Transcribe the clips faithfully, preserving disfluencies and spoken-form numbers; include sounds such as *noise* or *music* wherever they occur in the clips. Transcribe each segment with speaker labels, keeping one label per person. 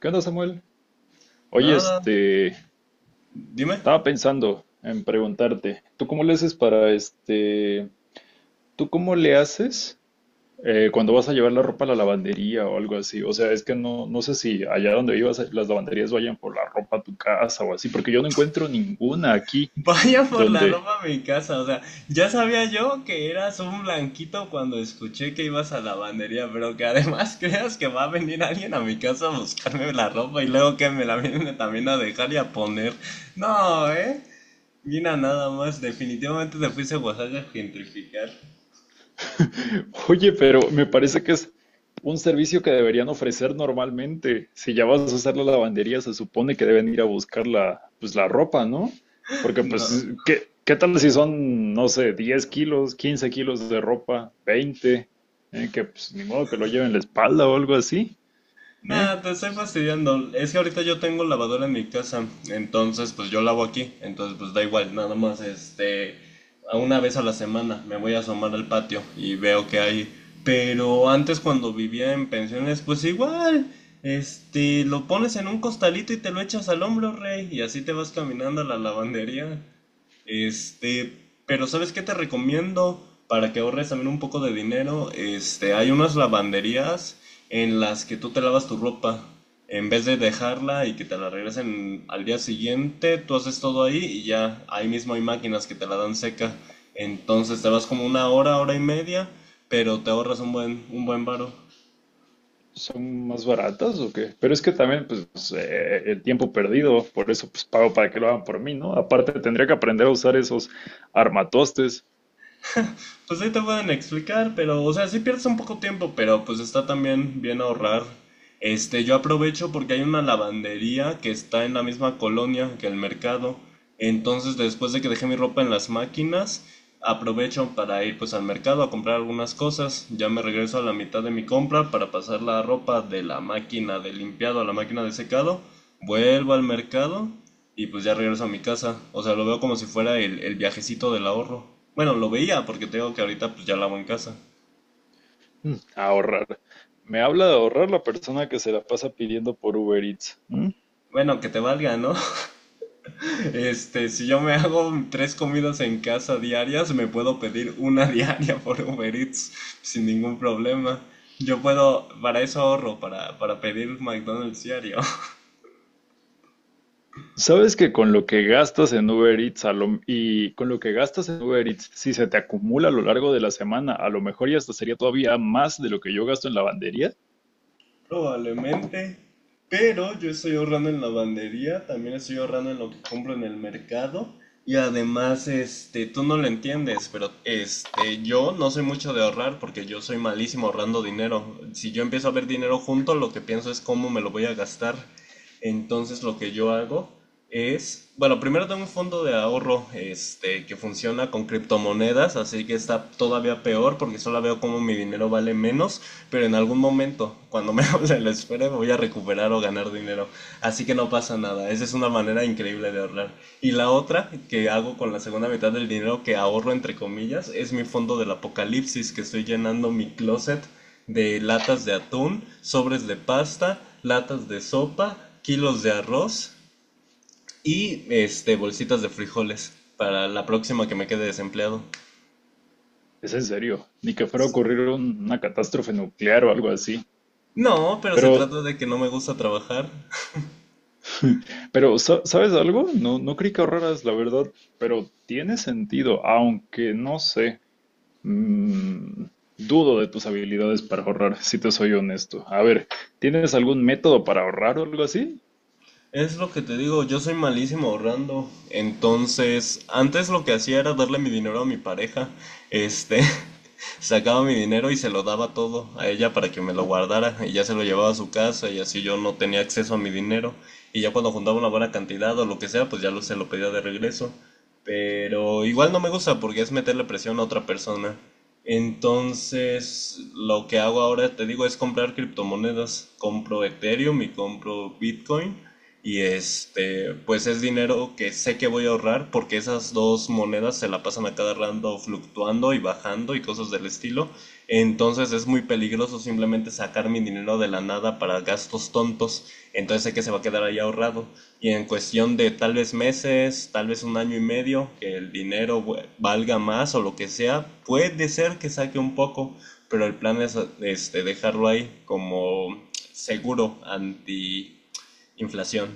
Speaker 1: ¿Qué onda, Samuel? Oye,
Speaker 2: Nada,
Speaker 1: este,
Speaker 2: dime. *laughs*
Speaker 1: estaba pensando en preguntarte, ¿tú cómo le haces para este, tú cómo le haces eh, cuando vas a llevar la ropa a la lavandería o algo así? O sea, es que no, no sé si allá donde vivas, eh, las lavanderías vayan por la ropa a tu casa o así, porque yo no encuentro ninguna aquí
Speaker 2: Vaya por la
Speaker 1: donde,
Speaker 2: ropa a mi casa, o sea, ya sabía yo que eras un blanquito cuando escuché que ibas a la lavandería, pero que además *laughs* creas que va a venir alguien a mi casa a buscarme la ropa y luego que me la viene también a dejar y a poner. No, ¿eh? Mira nada más, definitivamente te fuiste a Oaxaca a gentrificar.
Speaker 1: Oye, pero me parece que es un servicio que deberían ofrecer normalmente. Si ya vas a usar la lavandería, se supone que deben ir a buscar la, pues, la ropa, ¿no? Porque,
Speaker 2: No.
Speaker 1: pues, ¿qué, qué tal si son, no sé, diez kilos, quince kilos de ropa, veinte? ¿Eh? Que, pues, ni modo que lo lleven en la espalda o algo así. ¿Eh?
Speaker 2: Nada, te estoy fastidiando. Es que ahorita yo tengo lavadora en mi casa, entonces pues yo lavo aquí, entonces pues da igual, nada más este, a una vez a la semana me voy a asomar al patio y veo que hay. Pero antes cuando vivía en pensiones, pues igual, este, lo pones en un costalito y te lo echas al hombro, rey, y así te vas caminando a la lavandería. Este, pero ¿sabes qué te recomiendo? Para que ahorres también un poco de dinero, este, hay unas lavanderías en las que tú te lavas tu ropa. En vez de dejarla y que te la regresen al día siguiente, tú haces todo ahí y ya ahí mismo hay máquinas que te la dan seca. Entonces te vas como una hora, hora y media, pero te ahorras un buen, un buen varo.
Speaker 1: ¿Son más baratas o qué? Pero es que también, pues, eh, el tiempo perdido, por eso, pues, pago para que lo hagan por mí, ¿no? Aparte, tendría que aprender a usar esos armatostes.
Speaker 2: Pues ahí te pueden explicar, pero, o sea, sí pierdes un poco tiempo, pero pues está también bien ahorrar. Este, yo aprovecho porque hay una lavandería que está en la misma colonia que el mercado. Entonces, después de que dejé mi ropa en las máquinas, aprovecho para ir pues al mercado a comprar algunas cosas. Ya me regreso a la mitad de mi compra para pasar la ropa de la máquina de limpiado a la máquina de secado. Vuelvo al mercado y pues ya regreso a mi casa. O sea, lo veo como si fuera el, el viajecito del ahorro. Bueno, lo veía porque tengo que ahorita pues ya lavo en casa.
Speaker 1: Mm, Ahorrar. Me habla de ahorrar la persona que se la pasa pidiendo por Uber Eats. ¿M?
Speaker 2: Bueno, que te valga, ¿no? *laughs* Este, si yo me hago tres comidas en casa diarias, me puedo pedir una *laughs* diaria por Uber Eats sin ningún problema. Yo puedo, para eso ahorro, para, para pedir McDonald's diario.
Speaker 1: ¿Sabes que con lo que gastas en Uber Eats a lo- y con lo que gastas en Uber Eats, si se te acumula a lo largo de la semana, a lo mejor ya hasta sería todavía más de lo que yo gasto en lavandería?
Speaker 2: Probablemente, pero yo estoy ahorrando en lavandería, también estoy ahorrando en lo que compro en el mercado y además, este, tú no lo entiendes, pero este, yo no soy mucho de ahorrar porque yo soy malísimo ahorrando dinero. Si yo empiezo a ver dinero junto, lo que pienso es cómo me lo voy a gastar. Entonces, lo que yo hago es, bueno, primero tengo un fondo de ahorro, este, que funciona con criptomonedas, así que está todavía peor porque solo veo cómo mi dinero vale menos. Pero en algún momento, cuando me *laughs* hable la esfera, voy a recuperar o ganar dinero. Así que no pasa nada. Esa es una manera increíble de ahorrar. Y la otra que hago con la segunda mitad del dinero que ahorro, entre comillas, es mi fondo del apocalipsis, que estoy llenando mi closet de latas de atún, sobres de pasta, latas de sopa, kilos de arroz y este, bolsitas de frijoles para la próxima que me quede desempleado.
Speaker 1: Es en serio, ni que fuera a ocurrir un- una catástrofe nuclear o algo así.
Speaker 2: No, pero se
Speaker 1: Pero,
Speaker 2: trata de que no me gusta trabajar.
Speaker 1: *laughs* pero, ¿sa- ¿sabes algo? No, no creí que ahorraras, la verdad, pero tiene sentido, aunque no sé. Mm, Dudo de tus habilidades para ahorrar, si te soy honesto. A ver, ¿tienes algún método para ahorrar o algo así?
Speaker 2: Es lo que te digo, yo soy malísimo ahorrando. Entonces, antes lo que hacía era darle mi dinero a mi pareja. Este, *laughs* Sacaba mi dinero y se lo daba todo a ella para que me lo guardara y ya se lo llevaba a su casa y así yo no tenía acceso a mi dinero. Y ya cuando juntaba una buena cantidad o lo que sea, pues ya lo, se lo pedía de regreso. Pero igual no me gusta porque es meterle presión a otra persona. Entonces, lo que hago ahora, te digo, es comprar criptomonedas. Compro Ethereum y compro Bitcoin y este, pues es dinero que sé que voy a ahorrar porque esas dos monedas se la pasan a cada rato fluctuando y bajando y cosas del estilo. Entonces es muy peligroso simplemente sacar mi dinero de la nada para gastos tontos. Entonces sé que se va a quedar ahí ahorrado. Y en cuestión de tal vez meses, tal vez un año y medio, que el dinero we- valga más o lo que sea, puede ser que saque un poco, pero el plan es este, dejarlo ahí como seguro anti inflación.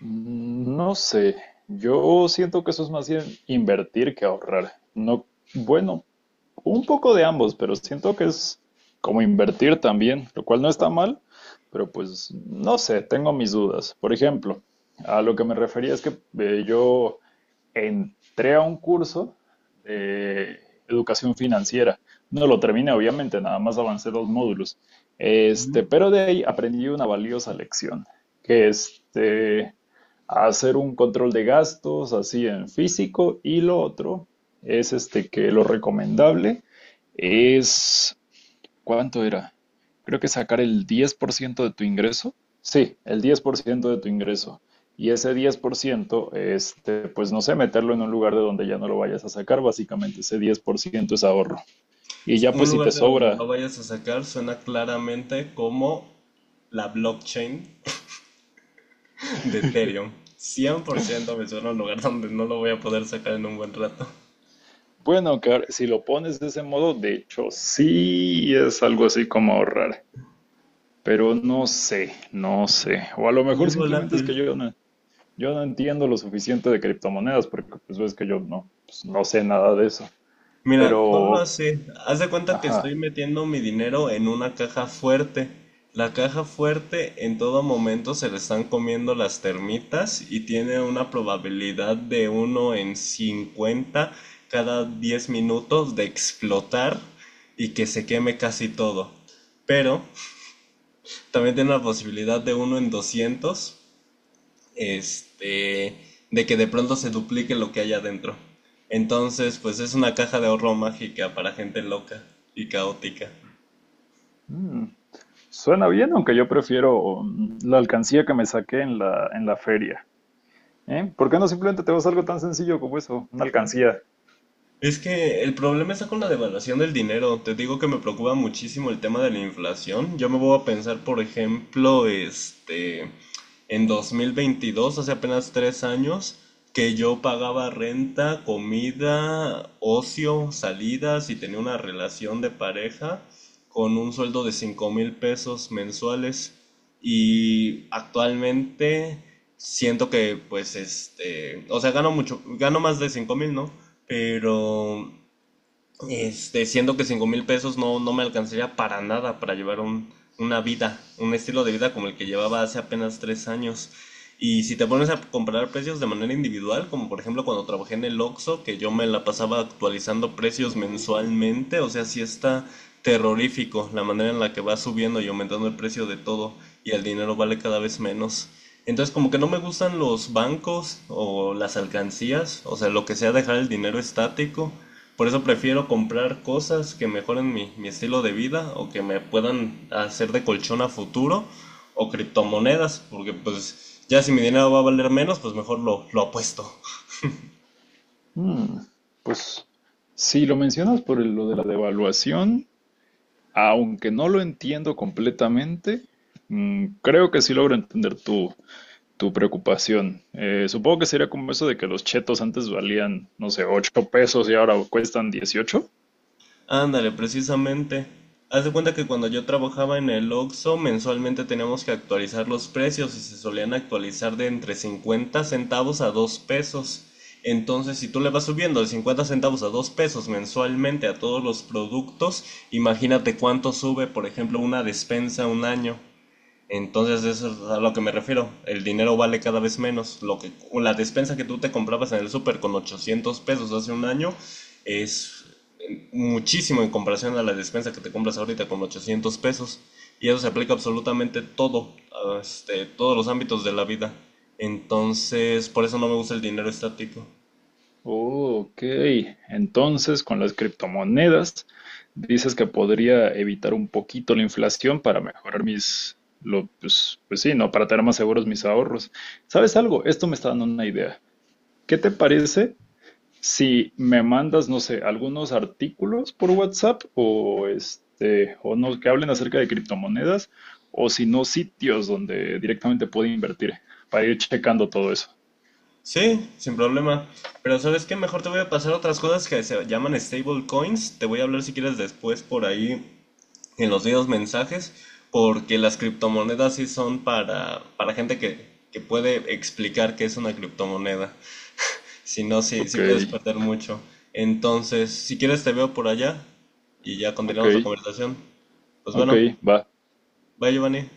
Speaker 1: Mm, No sé. Yo siento que eso es más bien invertir que ahorrar. No, bueno, un poco de ambos, pero siento que es como invertir también, lo cual no está mal, pero pues no sé, tengo mis dudas. Por ejemplo, a lo que me refería es que eh, yo entré a un curso de educación financiera. No lo terminé, obviamente, nada más avancé dos módulos. Este, pero de ahí aprendí una valiosa lección, que es este, hacer un control de gastos así en físico, y lo otro es este que lo recomendable es ¿cuánto era? Creo que sacar el diez por ciento de tu ingreso. Sí, el diez por ciento de tu ingreso. Y ese diez por ciento, este, pues no sé, meterlo en un lugar de donde ya no lo vayas a sacar. Básicamente ese diez por ciento es ahorro. Y ya
Speaker 2: Un
Speaker 1: pues si te
Speaker 2: lugar de donde lo
Speaker 1: sobra,
Speaker 2: vayas a sacar suena claramente como la blockchain de Ethereum. Cien por ciento me suena un lugar donde no lo voy a poder sacar en un buen rato.
Speaker 1: bueno, que ahora- si lo pones de ese modo, de hecho sí es algo así como ahorrar, pero no sé, no sé. O a lo
Speaker 2: Muy
Speaker 1: mejor simplemente es que
Speaker 2: volátil.
Speaker 1: yo no, yo no entiendo lo suficiente de criptomonedas, porque pues ves que yo no, pues, no sé nada de eso.
Speaker 2: Mira, ponlo
Speaker 1: Pero,
Speaker 2: así. Haz de cuenta que estoy
Speaker 1: ajá.
Speaker 2: metiendo mi dinero en una caja fuerte. La caja fuerte en todo momento se le están comiendo las termitas y tiene una probabilidad de uno en cincuenta cada diez minutos de explotar y que se queme casi todo. Pero también tiene la posibilidad de uno en doscientos este, de que de pronto se duplique lo que hay adentro. Entonces, pues es una caja de ahorro mágica para gente loca y caótica.
Speaker 1: Mm. Suena bien, aunque yo prefiero mm, la alcancía que me saqué en la, en la feria. ¿Eh? ¿Por qué no simplemente te vas a algo tan sencillo como eso? Una alcancía.
Speaker 2: Es que el problema está con la devaluación del dinero. Te digo que me preocupa muchísimo el tema de la inflación. Yo me voy a pensar, por ejemplo, este, en dos mil veintidós, hace apenas tres años, que yo pagaba renta, comida, ocio, salidas y tenía una relación de pareja con un sueldo de cinco mil pesos mensuales. Y actualmente siento que pues este, o sea, gano mucho, gano más de cinco mil, ¿no? Pero este, siendo que cinco mil pesos no, no me alcanzaría para nada para llevar un, una vida, un estilo de vida como el que llevaba hace apenas tres años. Y si te pones a comparar precios de manera individual, como por ejemplo cuando trabajé en el Oxxo, que yo me la pasaba actualizando precios mensualmente, o sea, sí está terrorífico la manera en la que va subiendo y aumentando el precio de todo y el dinero vale cada vez menos. Entonces como que no me gustan los bancos o las alcancías, o sea, lo que sea dejar el dinero estático por eso prefiero comprar cosas que mejoren mi, mi estilo de vida o que me puedan hacer de colchón a futuro o criptomonedas, porque pues ya si mi dinero va a valer menos, pues mejor lo, lo apuesto.
Speaker 1: Mm, Pues si lo mencionas por el- lo de la devaluación, aunque no lo entiendo completamente, mm, creo que sí logro entender tu, tu preocupación. Eh, supongo que sería como eso de que los chetos antes valían, no sé, ocho pesos y ahora cuestan dieciocho.
Speaker 2: Ándale, precisamente. Haz de cuenta que cuando yo trabajaba en el Oxxo, mensualmente teníamos que actualizar los precios y se solían actualizar de entre cincuenta centavos a dos pesos. Entonces, si tú le vas subiendo de cincuenta centavos a dos pesos mensualmente a todos los productos, imagínate cuánto sube, por ejemplo, una despensa un año. Entonces, eso es a lo que me refiero. El dinero vale cada vez menos. Lo que, la despensa que tú te comprabas en el súper con ochocientos pesos hace un año es muchísimo en comparación a la despensa que te compras ahorita con ochocientos pesos. Y eso se aplica absolutamente todo, a este, todos los ámbitos de la vida. Entonces, por eso no me gusta el dinero estático.
Speaker 1: Oh, ok, entonces con las criptomonedas dices que podría evitar un poquito la inflación para mejorar mis, lo, pues, pues sí, ¿no? Para tener más seguros mis ahorros. ¿Sabes algo? Esto me está dando una idea. ¿Qué te parece si me mandas, no sé, algunos artículos por WhatsApp o este, o no, que hablen acerca de criptomonedas o si no, sitios donde directamente puedo invertir para ir checando todo eso?
Speaker 2: Sí, sin problema. Pero ¿sabes qué? Mejor te voy a pasar otras cosas que se llaman stable coins. Te voy a hablar si quieres después por ahí en los videos mensajes. Porque las criptomonedas sí son para, para gente que, que puede explicar qué es una criptomoneda. Si no, sí,
Speaker 1: Ok,
Speaker 2: sí puedes perder mucho. Entonces, si quieres te veo por allá y ya
Speaker 1: ok,
Speaker 2: continuamos la conversación. Pues
Speaker 1: ok,
Speaker 2: bueno,
Speaker 1: va.
Speaker 2: bye Giovanni.